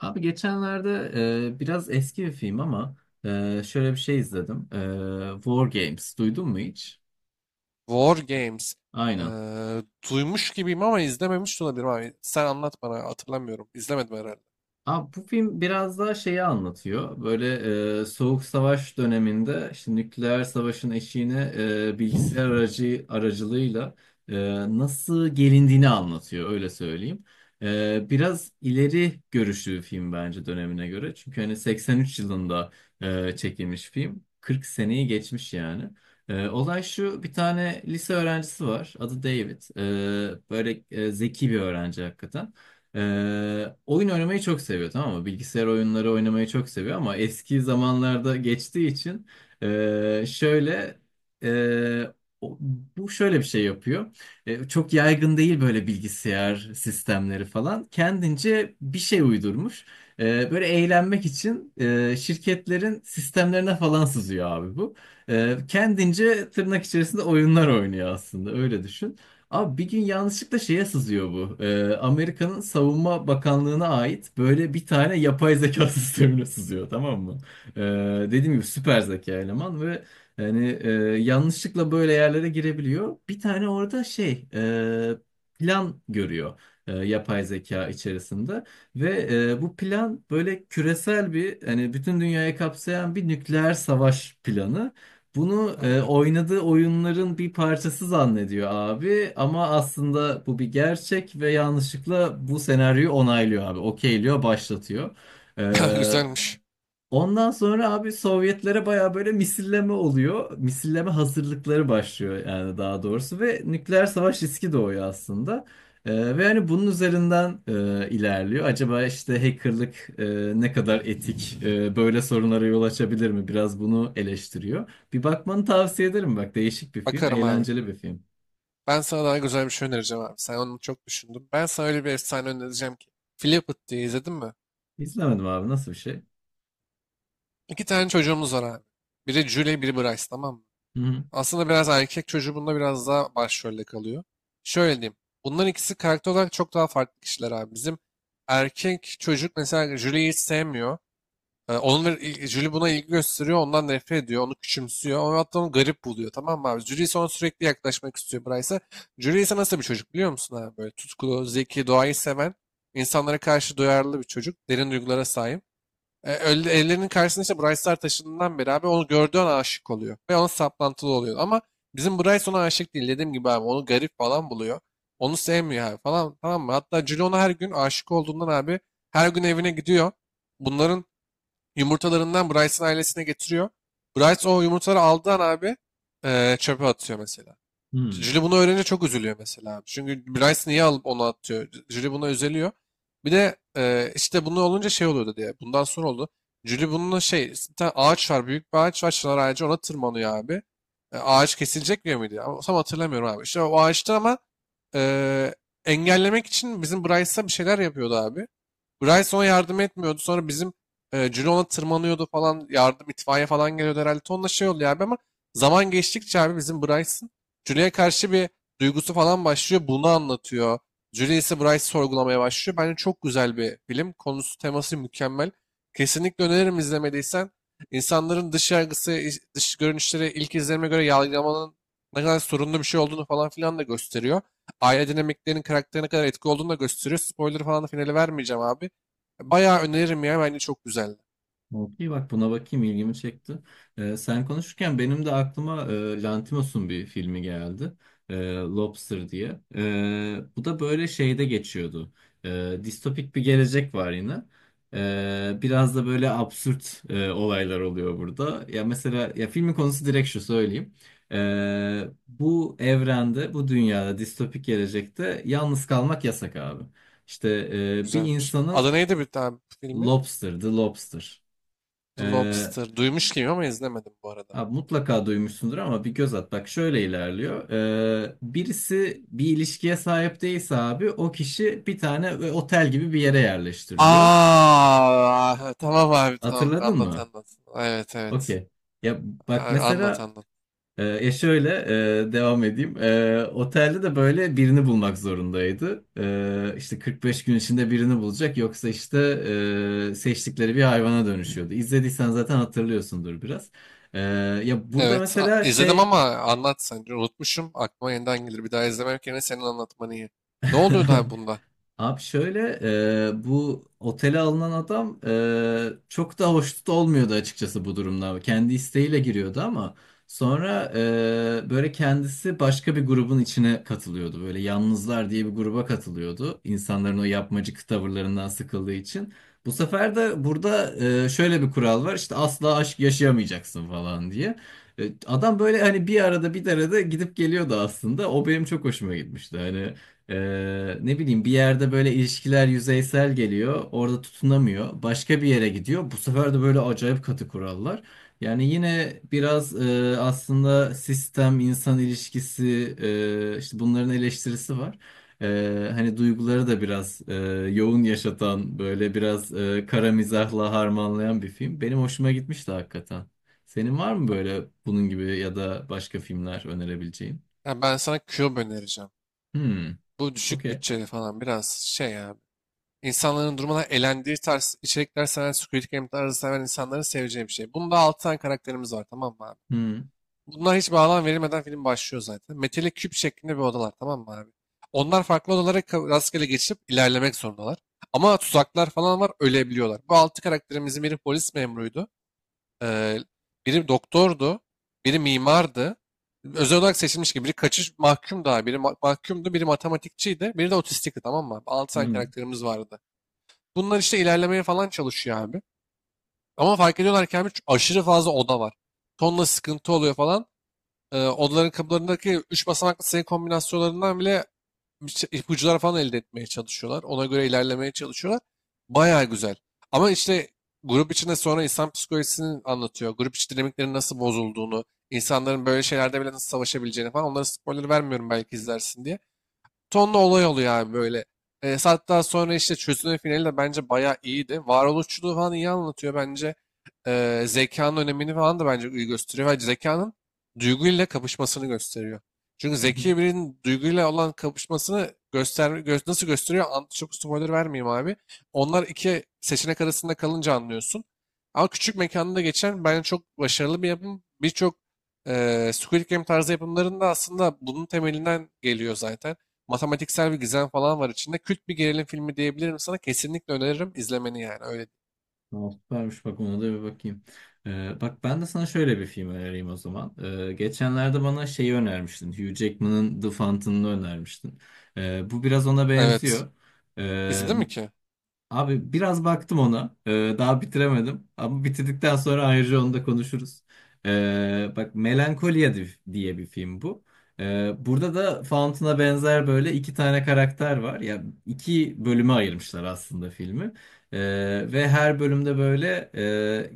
Abi geçenlerde biraz eski bir film ama şöyle bir şey izledim. War Games duydun mu hiç? War Games. Aynen. Ee, Duymuş gibiyim ama izlememiş de olabilirim abi. Sen anlat bana hatırlamıyorum. İzlemedim herhalde. Abi bu film biraz daha şeyi anlatıyor. Böyle Soğuk Savaş döneminde işte nükleer savaşın eşiğine bilgisayar aracılığıyla e, nasıl gelindiğini anlatıyor öyle söyleyeyim. Biraz ileri görüşlü bir film bence dönemine göre. Çünkü hani 83 yılında çekilmiş film. 40 seneyi geçmiş yani. Olay şu, bir tane lise öğrencisi var. Adı David. Böyle zeki bir öğrenci hakikaten. Oyun oynamayı çok seviyor, tamam mı? Bilgisayar oyunları oynamayı çok seviyor ama eski zamanlarda geçtiği için ee, şöyle ee, o- bu şöyle bir şey yapıyor. Çok yaygın değil böyle bilgisayar sistemleri falan. Kendince bir şey uydurmuş. Böyle eğlenmek için şirketlerin sistemlerine falan sızıyor abi bu. Kendince tırnak içerisinde oyunlar oynuyor aslında, öyle düşün. Abi bir gün yanlışlıkla şeye sızıyor bu. Amerika'nın Savunma Bakanlığı'na ait böyle bir tane yapay zeka sistemine sızıyor, tamam mı? Ee, Dediğim gibi süper zeka eleman ve yani yanlışlıkla böyle yerlere girebiliyor. Bir tane orada şey plan görüyor yapay zeka içerisinde ve bu plan böyle küresel bir, hani bütün dünyayı kapsayan bir nükleer savaş planı. Bunu Aynen. oynadığı oyunların bir parçası zannediyor abi, ama aslında bu bir gerçek ve yanlışlıkla bu senaryoyu onaylıyor abi. Okeyliyor, başlatıyor. E, Güzelmiş. Ondan sonra abi Sovyetlere baya böyle misilleme oluyor. Misilleme hazırlıkları başlıyor yani daha doğrusu, ve nükleer savaş riski doğuyor aslında. Ve hani bunun üzerinden ilerliyor. Acaba işte hackerlık ne kadar etik, böyle sorunlara yol açabilir mi? Biraz bunu eleştiriyor. Bir bakmanı tavsiye ederim, bak değişik bir film, Bakarım abi. eğlenceli bir film. Ben sana daha güzel bir şey önereceğim abi. Sen onu çok düşündün. Ben sana öyle bir efsane önereceğim ki. Flipit diye izledin mi? İzlemedim abi, nasıl bir şey? İki tane çocuğumuz var abi. Biri Julie, biri Bryce tamam mı? Hı hı. Aslında biraz erkek çocuğu bunda biraz daha başrolde kalıyor. Şöyle diyeyim. Bunların ikisi karakter olarak çok daha farklı kişiler abi. Bizim erkek çocuk mesela Julie'yi hiç sevmiyor. Onun ve Julie buna ilgi gösteriyor, ondan nefret ediyor, onu küçümsüyor, ama hatta onu garip buluyor tamam mı abi? Julie ise ona sürekli yaklaşmak istiyor Bryce'a. Julie ise nasıl bir çocuk biliyor musun abi? Böyle tutkulu, zeki, doğayı seven, insanlara karşı duyarlı bir çocuk, derin duygulara sahip. Ellerinin karşısına işte Bryce'lar taşındığından beri abi onu gördüğü an aşık oluyor ve ona saplantılı oluyor. Ama bizim Bryce ona aşık değil dediğim gibi abi onu garip falan buluyor. Onu sevmiyor abi falan tamam mı? Hatta Julie ona her gün aşık olduğundan abi her gün evine gidiyor. Bunların yumurtalarından Bryce'ın ailesine getiriyor. Bryce o yumurtaları aldığı an abi çöpe atıyor mesela. Hı. Julie bunu öğrenince çok üzülüyor mesela abi. Çünkü Bryce niye alıp onu atıyor? Julie buna üzülüyor. Bir de işte bunu olunca şey oluyordu diye. Bundan sonra oldu. Julie bununla şey bir tane ağaç var. Büyük bir ağaç var. Çınar ağacı ona tırmanıyor abi. Ağaç kesilecek diyor muydu? Ama tam hatırlamıyorum abi. İşte o ağaçta ama eee, engellemek için bizim Bryce'a bir şeyler yapıyordu abi. Bryson yardım etmiyordu. Sonra bizim Ciro ona tırmanıyordu falan. Yardım itfaiye falan geliyordu herhalde. Tonla şey oldu ya abi ama zaman geçtikçe abi bizim Bryson Julie'ye karşı bir duygusu falan başlıyor. Bunu anlatıyor. Julie ise Bryce'ı sorgulamaya başlıyor. Bence çok güzel bir film. Konusu teması mükemmel. Kesinlikle öneririm izlemediysen. İnsanların dış yargısı, dış görünüşleri ilk izlenime göre yargılamanın ne kadar sorunlu bir şey olduğunu falan filan da gösteriyor aile dinamiklerinin karakterine kadar etki olduğunu da gösteriyor. Spoiler falan da finale vermeyeceğim abi. Bayağı öneririm ya. Bence çok güzeldi. Okey, bak buna bakayım, ilgimi çekti. Sen konuşurken benim de aklıma Lanthimos'un bir filmi geldi. Lobster diye. Bu da böyle şeyde geçiyordu. Distopik bir gelecek var yine. Biraz da böyle absürt olaylar oluyor burada. Ya mesela, ya filmin konusu direkt şu, söyleyeyim. Bu evrende, bu dünyada, distopik gelecekte yalnız kalmak yasak abi. İşte bir Güzelmiş. insanın Adı neydi bir tane filmin? Lobster, The Lobster. The E, Lobster. Duymuş gibi ama izlemedim bu arada. Abi mutlaka duymuşsundur ama bir göz at. Bak şöyle ilerliyor. Birisi bir ilişkiye sahip değilse abi, o kişi bir tane ve otel gibi bir yere yerleştiriliyor. Aa, tamam abi tamam. Hatırladın Anlat mı? anlat. Evet evet. Okey. Ya, bak Abi, anlat mesela anlat. e, ya şöyle devam edeyim. Otelde de böyle birini bulmak zorundaydı. İşte 45 gün içinde birini bulacak, yoksa işte seçtikleri bir hayvana dönüşüyordu. İzlediysen zaten hatırlıyorsundur biraz. E, Ya burada Evet mesela izledim şey ama anlat sence. Unutmuşum. Aklıma yeniden gelir. Bir daha izlemek yerine senin anlatman iyi. Ne oluyordu abi bunda? abi şöyle bu otele alınan adam çok da hoşnut olmuyordu açıkçası bu durumda. Kendi isteğiyle giriyordu ama sonra böyle kendisi başka bir grubun içine katılıyordu. Böyle yalnızlar diye bir gruba katılıyordu. İnsanların o yapmacık tavırlarından sıkıldığı için. Bu sefer de burada şöyle bir kural var, işte asla aşk yaşayamayacaksın falan diye. Adam böyle hani bir arada gidip geliyordu aslında. O benim çok hoşuma gitmişti. Hani ne bileyim, bir yerde böyle ilişkiler yüzeysel geliyor. Orada tutunamıyor. Başka bir yere gidiyor. Bu sefer de böyle acayip katı kurallar. Yani yine biraz aslında sistem, insan ilişkisi, işte bunların eleştirisi var. Hani duyguları da biraz yoğun yaşatan, böyle biraz kara mizahla harmanlayan bir film. Benim hoşuma gitmişti hakikaten. Senin var mı Ha, böyle bunun gibi ya da başka filmler önerebileceğin? ha, ben sana Cube önereceğim. Hmm, Bu düşük okey. bütçeli falan biraz şey ya. İnsanların durmadan elendiği tarz içerikler seven, Squid Game tarzı seven insanların seveceği bir şey. Bunda 6 tane karakterimiz var tamam mı abi? Hmm. Bunlar hiç bağlam verilmeden film başlıyor zaten. Metalik küp şeklinde bir odalar tamam mı abi? Onlar farklı odalara rastgele geçip ilerlemek zorundalar. Ama tuzaklar falan var ölebiliyorlar. Bu 6 karakterimizin biri polis memuruydu. Ee, Biri doktordu. Biri mimardı. Özel olarak seçilmiş gibi. Biri kaçış mahkum daha. Biri mahkumdu. Biri matematikçiydi. Biri de otistikti tamam mı abi? 6 tane Hmm. karakterimiz vardı. Bunlar işte ilerlemeye falan çalışıyor abi. Ama fark ediyorlar ki abi aşırı fazla oda var. Tonla sıkıntı oluyor falan. Odaların kapılarındaki 3 basamaklı sayı kombinasyonlarından bile ipuçları falan elde etmeye çalışıyorlar. Ona göre ilerlemeye çalışıyorlar. Bayağı güzel. Ama işte grup içinde sonra insan psikolojisini anlatıyor. Grup içi dinamiklerin nasıl bozulduğunu, insanların böyle şeylerde bile nasıl savaşabileceğini falan. Onlara spoiler vermiyorum belki izlersin diye tonla olay oluyor abi böyle. Hatta sonra işte çözünün finali de bence bayağı iyiydi. Varoluşçuluğu falan iyi anlatıyor bence. Zekanın önemini falan da bence iyi gösteriyor. Ve zekanın duyguyla kapışmasını gösteriyor. Çünkü Hı hı. zeki birinin duyguyla olan kapışmasını nasıl gösteriyor? Çok spoiler vermeyeyim abi. Onlar iki seçenek arasında kalınca anlıyorsun. Ama küçük mekanda geçen bence çok başarılı bir yapım. Birçok Squid Game tarzı yapımların da aslında bunun temelinden geliyor zaten matematiksel bir gizem falan var içinde. Kült bir gerilim filmi diyebilirim sana. Kesinlikle öneririm izlemeni yani. Öyle. Tamam, süpermiş, bak ona da bir bakayım. Bak ben de sana şöyle bir film önereyim o zaman. Geçenlerde bana şeyi önermiştin. Hugh Jackman'ın The Fountain'ını önermiştin. Bu biraz ona Evet. benziyor. Ee, İzledin mi ki? Abi biraz baktım ona. Daha bitiremedim. Ama bitirdikten sonra ayrıca onu da konuşuruz. Bak Melankolia diye bir film bu. Burada da Fountain'a benzer böyle iki tane karakter var. Ya iki bölüme ayırmışlar aslında filmi. Ee, Ve her bölümde böyle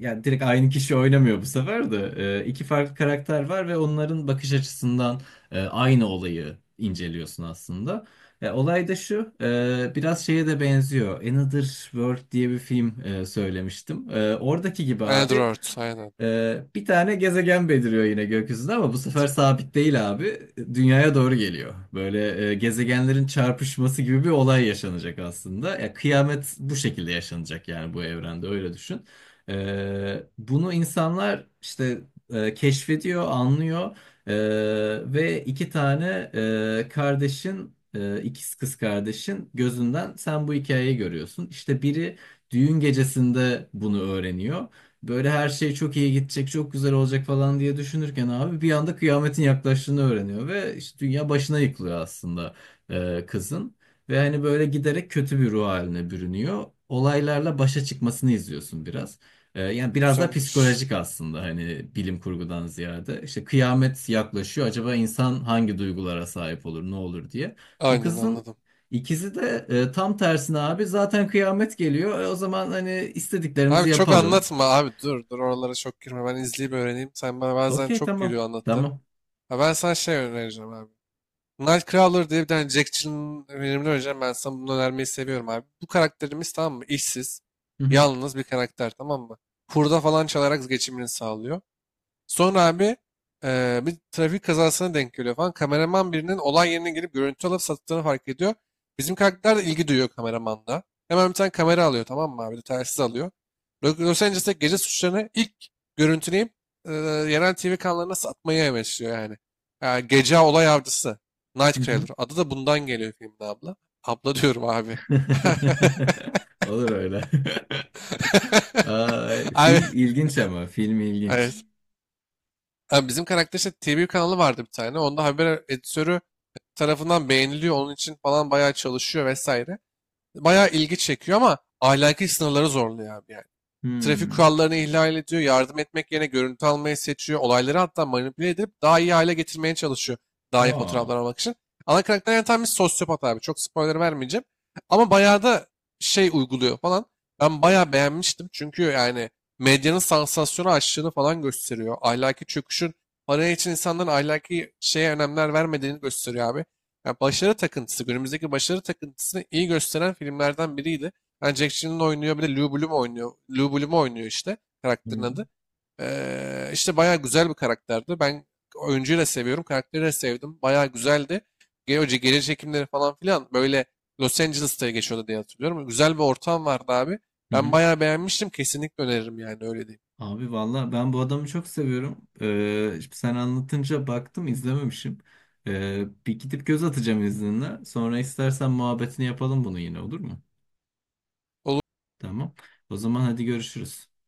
yani direkt aynı kişi oynamıyor bu sefer de. İki farklı karakter var ve onların bakış açısından aynı olayı inceliyorsun aslında. Ya, olay da şu, biraz şeye de benziyor. Another World diye bir film söylemiştim. Oradaki gibi abi Android. Aynen. Bir tane gezegen beliriyor yine gökyüzünde, ama bu sefer sabit değil abi. Dünyaya doğru geliyor. Böyle gezegenlerin çarpışması gibi bir olay yaşanacak aslında. Ya, kıyamet bu şekilde yaşanacak yani, bu evrende öyle düşün. Bunu insanlar işte keşfediyor, anlıyor. Ee, Ve iki tane kardeşin, ikiz kız kardeşin gözünden sen bu hikayeyi görüyorsun. İşte biri düğün gecesinde bunu öğreniyor. Böyle her şey çok iyi gidecek, çok güzel olacak falan diye düşünürken abi bir anda kıyametin yaklaştığını öğreniyor ve işte dünya başına yıkılıyor aslında kızın. Ve hani böyle giderek kötü bir ruh haline bürünüyor. Olaylarla başa çıkmasını izliyorsun biraz. Yani biraz da Güzelmiş. psikolojik aslında, hani bilim kurgudan ziyade. İşte kıyamet yaklaşıyor. Acaba insan hangi duygulara sahip olur, ne olur diye. Bu Aynen kızın anladım. İkisi de tam tersine abi, zaten kıyamet geliyor. O zaman hani Abi istediklerimizi çok yapalım. anlatma abi dur dur oralara çok girme ben izleyip öğreneyim. Sen bana bazen Okey, çok tamam. geliyor anlattın. Tamam. Ha, ben sana şey önereceğim abi. Nightcrawler diye bir tane Jack Chill'in filmini önereceğim ben sana bunu önermeyi seviyorum abi. Bu karakterimiz tamam mı İşsiz Hı hı. yalnız bir karakter tamam mı? Hurda falan çalarak geçimini sağlıyor. Sonra abi bir trafik kazasına denk geliyor falan. Kameraman birinin olay yerine gelip görüntü alıp sattığını fark ediyor. Bizim karakter de ilgi duyuyor kameramanla. Hemen bir tane kamera alıyor tamam mı abi? Bir de telsiz alıyor. Los Angeles'te gece suçlarını ilk görüntüleyip eee, yerel TV kanallarına satmayı amaçlıyor yani. Yani gece olay avcısı. Hı hı. Nightcrawler. Adı da bundan geliyor filmde abla. Abla diyorum abi. Olur öyle. Ay, Abi, film ilginç, ama film ilginç. evet. Abi bizim karakter işte TV kanalı vardı bir tane. Onda haber editörü tarafından beğeniliyor. Onun için falan bayağı çalışıyor vesaire. Bayağı ilgi çekiyor ama ahlaki sınırları zorluyor abi yani. Trafik Hmm. kurallarını ihlal ediyor, yardım etmek yerine görüntü almayı seçiyor, olayları hatta manipüle edip daha iyi hale getirmeye çalışıyor. Daha iyi Aa. fotoğraflar almak için. Ana karakter yani tam bir sosyopat abi. Çok spoiler vermeyeceğim. Ama bayağı da şey uyguluyor falan. Ben bayağı beğenmiştim. Çünkü yani medyanın sansasyonu açtığını falan gösteriyor. Ahlaki çöküşün para için insanların ahlaki şeye önemler vermediğini gösteriyor abi. Yani başarı takıntısı, günümüzdeki başarı takıntısını iyi gösteren filmlerden biriydi. Yani Jack Gyllenhaal oynuyor. Bir de Lou Bloom oynuyor. Lou Bloom oynuyor işte. Karakterin Hı adı. İşte bayağı güzel bir karakterdi. Ben oyuncuyu da seviyorum. Karakteri de sevdim. Bayağı güzeldi. Önce geri çekimleri falan filan böyle Los Angeles'ta geçiyordu diye hatırlıyorum. Güzel bir ortam vardı abi. hı. Ben Hı. bayağı beğenmiştim. Kesinlikle öneririm yani öyle değil. Abi valla ben bu adamı çok seviyorum. Şimdi sen anlatınca baktım izlememişim. Bir gidip göz atacağım izninle. Sonra istersen muhabbetini yapalım bunu yine, olur mu? Olur. Tamam. O zaman hadi görüşürüz.